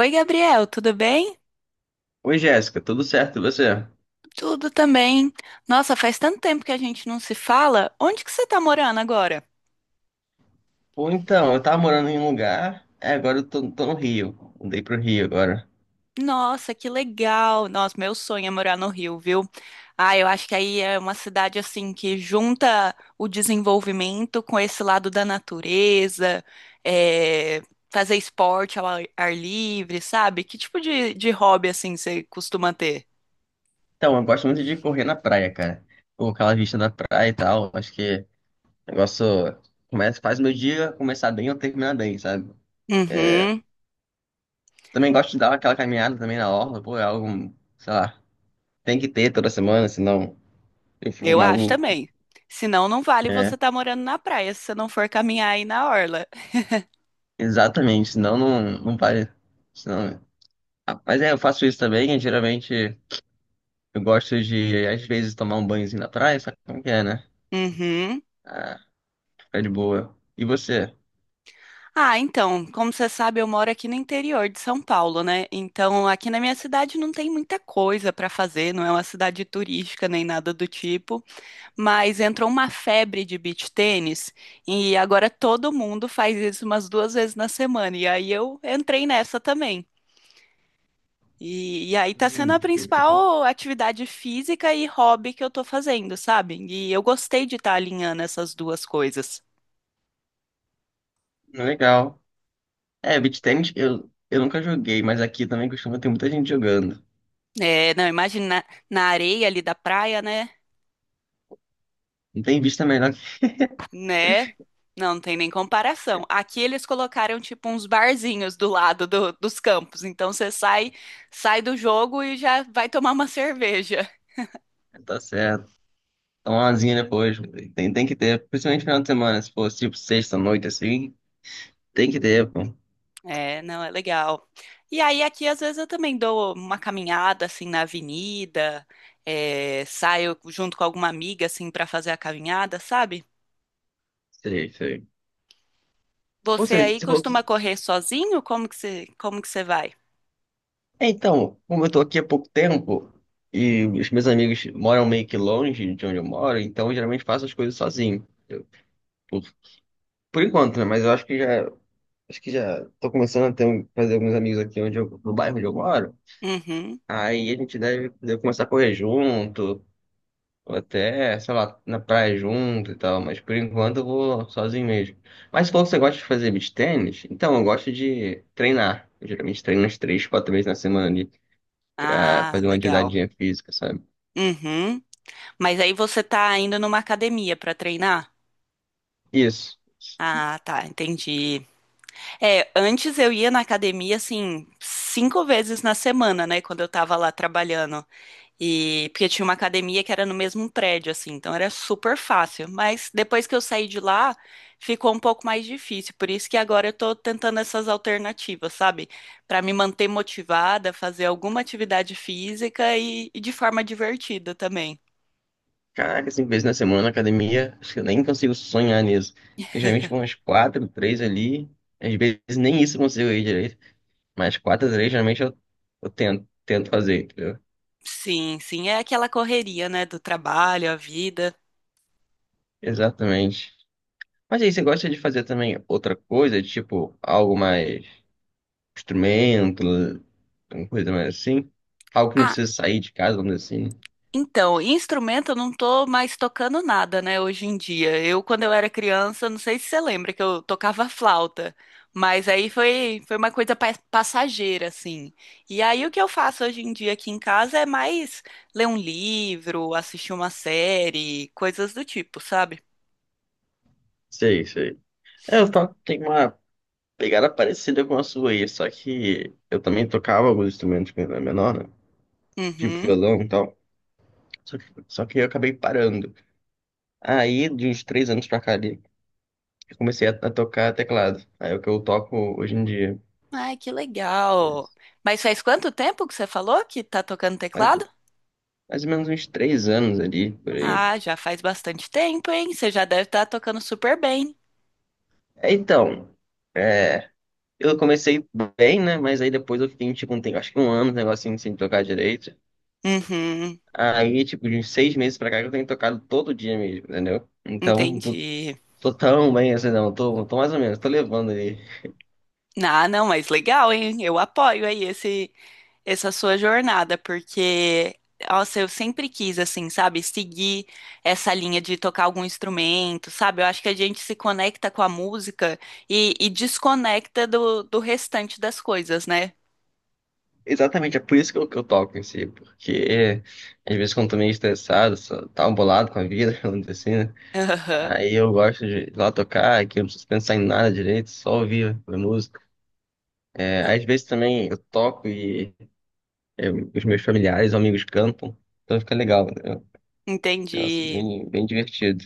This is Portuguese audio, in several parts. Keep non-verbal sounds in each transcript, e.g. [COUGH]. Oi, Gabriel, tudo bem? Oi, Jéssica, tudo certo e você? Tudo também. Nossa, faz tanto tempo que a gente não se fala. Onde que você tá morando agora? Ou então, eu tava morando em um lugar, é, agora eu tô no Rio. Mudei pro Rio agora. Nossa, que legal. Nossa, meu sonho é morar no Rio, viu? Ah, eu acho que aí é uma cidade assim que junta o desenvolvimento com esse lado da natureza, é, fazer esporte ao ar livre, sabe? Que tipo de hobby assim você costuma ter? Então, eu gosto muito de correr na praia, cara. Com aquela vista da praia e tal. Acho que o negócio começa, faz meu dia começar bem ou terminar bem, sabe? Uhum. Também gosto de dar aquela caminhada também na orla, pô, é algo, sei lá, tem que ter toda semana, senão eu fico Eu acho maluco. também. Senão não vale você É, estar morando na praia, se você não for caminhar aí na orla. [LAUGHS] exatamente, senão não vai. Senão... Ah, mas é, eu faço isso também, e geralmente. Eu gosto de, às vezes, tomar um banhozinho na praia, sabe como que é, né? Uhum. Ah, fica de boa. E você? Ah, então, como você sabe, eu moro aqui no interior de São Paulo, né? Então, aqui na minha cidade não tem muita coisa para fazer, não é uma cidade turística nem nada do tipo, mas entrou uma febre de beach tênis e agora todo mundo faz isso umas duas vezes na semana. E aí eu entrei nessa também. E aí tá sendo a Hum, principal atividade física e hobby que eu tô fazendo, sabe? E eu gostei de estar alinhando essas duas coisas. legal. É, beach tennis eu nunca joguei, mas aqui também costuma ter muita gente jogando. É, não, imagina na areia ali da praia, né? Não tem vista melhor Né? Não, não tem nem comparação. Aqui eles colocaram tipo uns barzinhos do lado dos campos, então você sai, do jogo e já vai tomar uma [LAUGHS] cerveja. que [LAUGHS] tá certo. Tomar uma zinha depois, tem que ter. Principalmente final de semana, se for tipo sexta-noite assim, tem que ter, pô. É, não, é legal. E aí aqui às vezes eu também dou uma caminhada assim na avenida, saio junto com alguma amiga assim para fazer a caminhada, sabe? Sei, sei. Pô, Você você, aí você falou... costuma que- correr sozinho? Como que você vai? É, então, como eu tô aqui há pouco tempo e os meus amigos moram meio que longe de onde eu moro, então eu geralmente faço as coisas sozinho. Por por enquanto, né? Mas eu acho que já tô começando a fazer alguns amigos aqui onde eu, no bairro onde eu moro. Uhum. Aí a gente deve começar a correr junto, ou até, sei lá, na praia junto e tal. Mas por enquanto eu vou sozinho mesmo. Mas se for que você gosta de fazer beach tênis, então eu gosto de treinar. Eu geralmente treino umas três, quatro vezes na semana ali pra Ah, fazer uma legal. atividade física, sabe? Uhum. Mas aí você tá indo numa academia para treinar? Isso. Ah, tá, entendi. É, antes eu ia na academia assim cinco vezes na semana, né, quando eu tava lá trabalhando. E porque tinha uma academia que era no mesmo prédio, assim, então era super fácil. Mas depois que eu saí de lá, ficou um pouco mais difícil. Por isso que agora eu tô tentando essas alternativas, sabe? Pra me manter motivada, fazer alguma atividade física e de forma divertida também. Caraca, cinco vezes na semana na academia, acho que eu nem consigo sonhar nisso. Porque geralmente vão umas quatro, três ali. Às vezes nem isso eu consigo ir direito. Mas quatro, três, geralmente eu, tento fazer, entendeu? Sim, sim, é aquela correria, né, do trabalho, a vida. Exatamente. Mas aí, você gosta de fazer também outra coisa, tipo algo mais instrumento, alguma coisa mais assim? Algo que não Ah, precisa sair de casa, vamos dizer assim, né? então, instrumento eu não tô mais tocando nada, né, hoje em dia. Eu, quando eu era criança, não sei se você lembra que eu tocava flauta, mas aí foi, uma coisa passageira, assim. E aí o que eu faço hoje em dia aqui em casa é mais ler um livro, assistir uma série, coisas do tipo, sabe? Sei, sei. É, eu toco, tem uma pegada parecida com a sua aí, só que eu também tocava alguns instrumentos quando era menor, né? Tipo Uhum. violão e tal. Só que eu acabei parando. Aí, de uns três anos pra cá ali, eu comecei a tocar teclado. Aí é o que eu toco hoje em dia. Ai, que legal. Mas faz quanto tempo que você falou que tá tocando Mais, teclado? mais ou menos uns três anos ali, por aí. Ah, já faz bastante tempo, hein? Você já deve estar tocando super bem. É, então, é, eu comecei bem, né? Mas aí depois eu fiquei, tipo, um tempo, acho que um ano, um negocinho sem tocar direito. Uhum. Aí, tipo, de uns seis meses pra cá, que eu tenho tocado todo dia mesmo, entendeu? Então, tô, Entendi. tô tão bem assim, não. Tô mais ou menos, tô levando ali. Ah, não, mas legal, hein? Eu apoio aí esse, essa sua jornada, porque, nossa, eu sempre quis, assim, sabe, seguir essa linha de tocar algum instrumento, sabe? Eu acho que a gente se conecta com a música e desconecta do restante das coisas, né? Exatamente, é por isso que eu toco em si, porque é, às vezes quando eu tô meio estressado, só tá bolado com a vida, [LAUGHS] vamos dizer assim, né? Aham. Aí eu gosto de ir lá tocar, que eu não preciso pensar em nada direito, só ouvir a música. É, Ah, às vezes também eu toco e é, os meus familiares, amigos cantam, então fica legal, entendeu? Nossa, entendi, bem, bem divertido.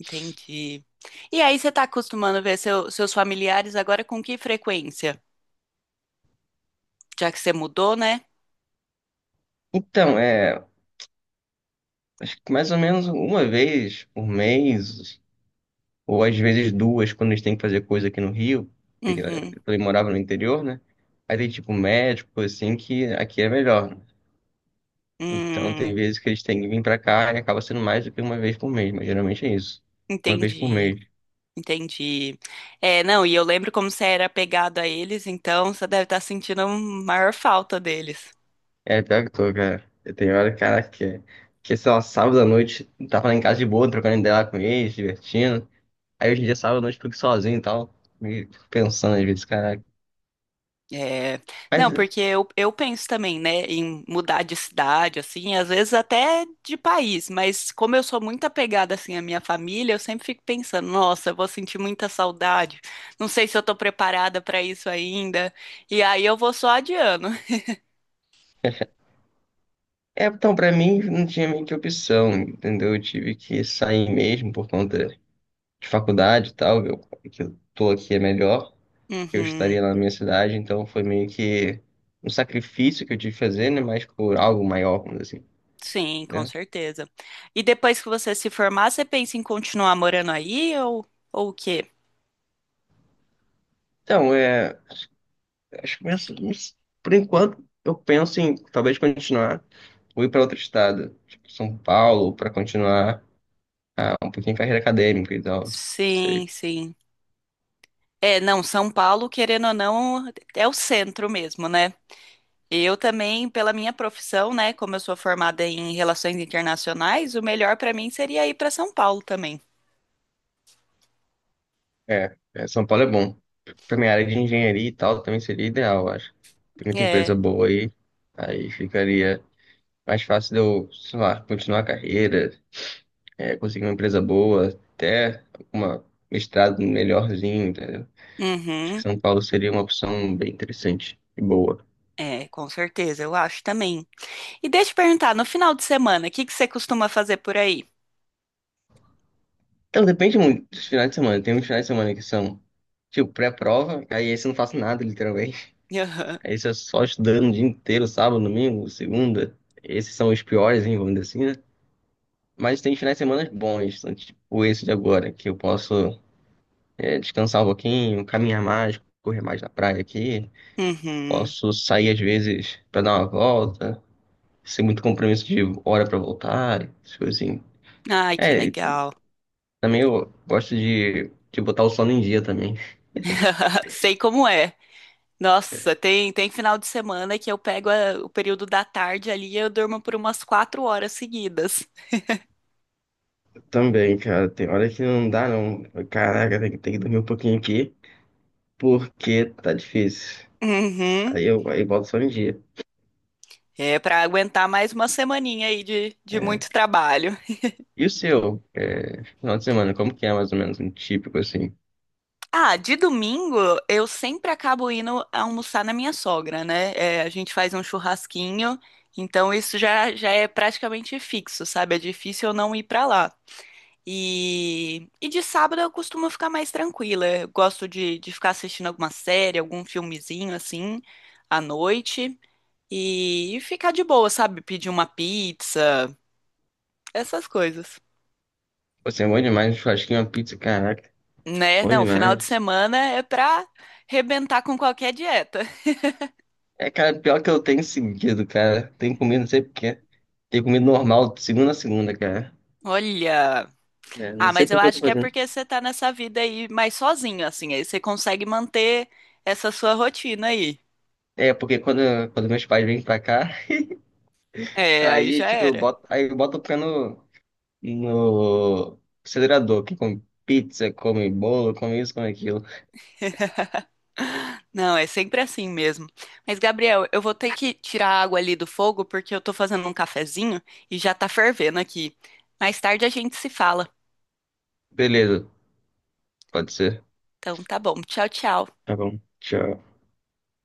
entendi. E aí, você tá acostumando ver seus familiares agora com que frequência? Já que você mudou, né? Então, é, acho que mais ou menos uma vez por mês, ou às vezes duas quando eles têm que fazer coisa aqui no Rio, porque Uhum. ele morava no interior, né? Aí tem tipo médico, coisa assim, que aqui é melhor, né? Então tem Hum, vezes que eles têm que vir pra cá e acaba sendo mais do que uma vez por mês, mas geralmente é isso. Uma vez por entendi. mês. Entendi. É, não, e eu lembro como você era apegado a eles, então você deve estar sentindo a maior falta deles. É, pior que tô, cara. Eu tenho hora, cara, que sei lá, sábado à noite, tava lá em casa de boa, trocando ideia lá com eles, divertindo. Aí hoje em dia, sábado à noite, fico sozinho e tal, me pensando às vezes, caraca. É, Mas não, porque eu penso também, né, em mudar de cidade, assim, às vezes até de país, mas como eu sou muito apegada, assim, à minha família, eu sempre fico pensando, nossa, eu vou sentir muita saudade, não sei se eu tô preparada para isso ainda, e aí eu vou só adiando. é, então, pra mim não tinha meio que opção, entendeu? Eu tive que sair mesmo por conta de faculdade e tal, eu, que eu tô aqui é melhor, que eu estaria [LAUGHS] lá na minha cidade, então foi meio que um sacrifício que eu tive que fazer, né? Mas por algo maior, vamos dizer assim, Sim, com né? certeza. E depois que você se formar, você pensa em continuar morando aí ou o quê? Então, é, acho que penso, não sei, por enquanto eu penso em talvez continuar ou ir para outro estado, tipo São Paulo, para continuar um pouquinho em carreira acadêmica e tal. Sim, sim. É, não, São Paulo, querendo ou não, é o centro mesmo, né? Eu também, pela minha profissão, né, como eu sou formada em relações internacionais, o melhor pra mim seria ir pra São Paulo também. É, São Paulo é bom. Pra minha área de engenharia e tal, também seria ideal, eu acho. Tem muita É. empresa boa aí, aí ficaria mais fácil de eu, sei lá, continuar a carreira, é, conseguir uma empresa boa, até uma mestrado melhorzinho, entendeu? Acho que Uhum. São Paulo seria uma opção bem interessante e boa. É, com certeza, eu acho também. E deixa eu perguntar, no final de semana, o que que você costuma fazer por aí? Então, depende muito dos finais de semana. Tem uns finais de semana que são, tipo, pré-prova, aí esse eu não faço nada, literalmente. [LAUGHS] Aham. Aí você é só estudando o dia inteiro, sábado, domingo, segunda. Esses são os piores, hein, vamos dizer assim, né? Mas tem finais de semana bons, então, tipo esse de agora, que eu posso descansar um pouquinho, caminhar mais, correr mais na praia aqui. Uhum. Posso sair às vezes pra dar uma volta, sem muito compromisso de hora pra voltar, essas coisinhas. Ai, que É, e legal. também eu gosto de botar o sono em dia também. [LAUGHS] Sei como é. Nossa, tem final de semana que eu pego o período da tarde ali e eu durmo por umas 4 horas seguidas. Também, cara, tem hora que não dá, não. Caraca, tem que dormir um pouquinho aqui, porque tá difícil. Uhum. Aí volto só um dia. É pra aguentar mais uma semaninha aí de É. muito trabalho. E o seu? É, final de semana, como que é mais ou menos um típico assim? Ah, de domingo eu sempre acabo indo almoçar na minha sogra, né? É, a gente faz um churrasquinho, então isso já é praticamente fixo, sabe? É difícil eu não ir pra lá. E de sábado eu costumo ficar mais tranquila. Eu gosto de ficar assistindo alguma série, algum filmezinho assim, à noite. E ficar de boa, sabe? Pedir uma pizza, essas coisas. Você é bom demais, um churrasquinho, uma pizza, caraca, Né? bom Não, final de demais. semana é pra rebentar com qualquer dieta. É, cara, pior que eu tenho seguido, cara. Tenho comido, não sei porquê. Tenho comido normal, de segunda a segunda, cara. [LAUGHS] Olha. É, não Ah, sei mas eu por que eu tô acho que é fazendo. porque você tá nessa vida aí mais sozinho, assim. Aí você consegue manter essa sua rotina aí. É, porque quando meus pais vêm pra cá, [LAUGHS] É, aí aí, já tipo, eu era. boto, aí eu boto o pé no, no acelerador, que come pizza, come bolo, come isso, come aquilo. [LAUGHS] Não, é sempre assim mesmo. Mas, Gabriel, eu vou ter que tirar a água ali do fogo porque eu tô fazendo um cafezinho e já tá fervendo aqui. Mais tarde a gente se fala. Beleza, pode ser. Então, tá bom. Tchau, tchau. Tá bom. Tchau.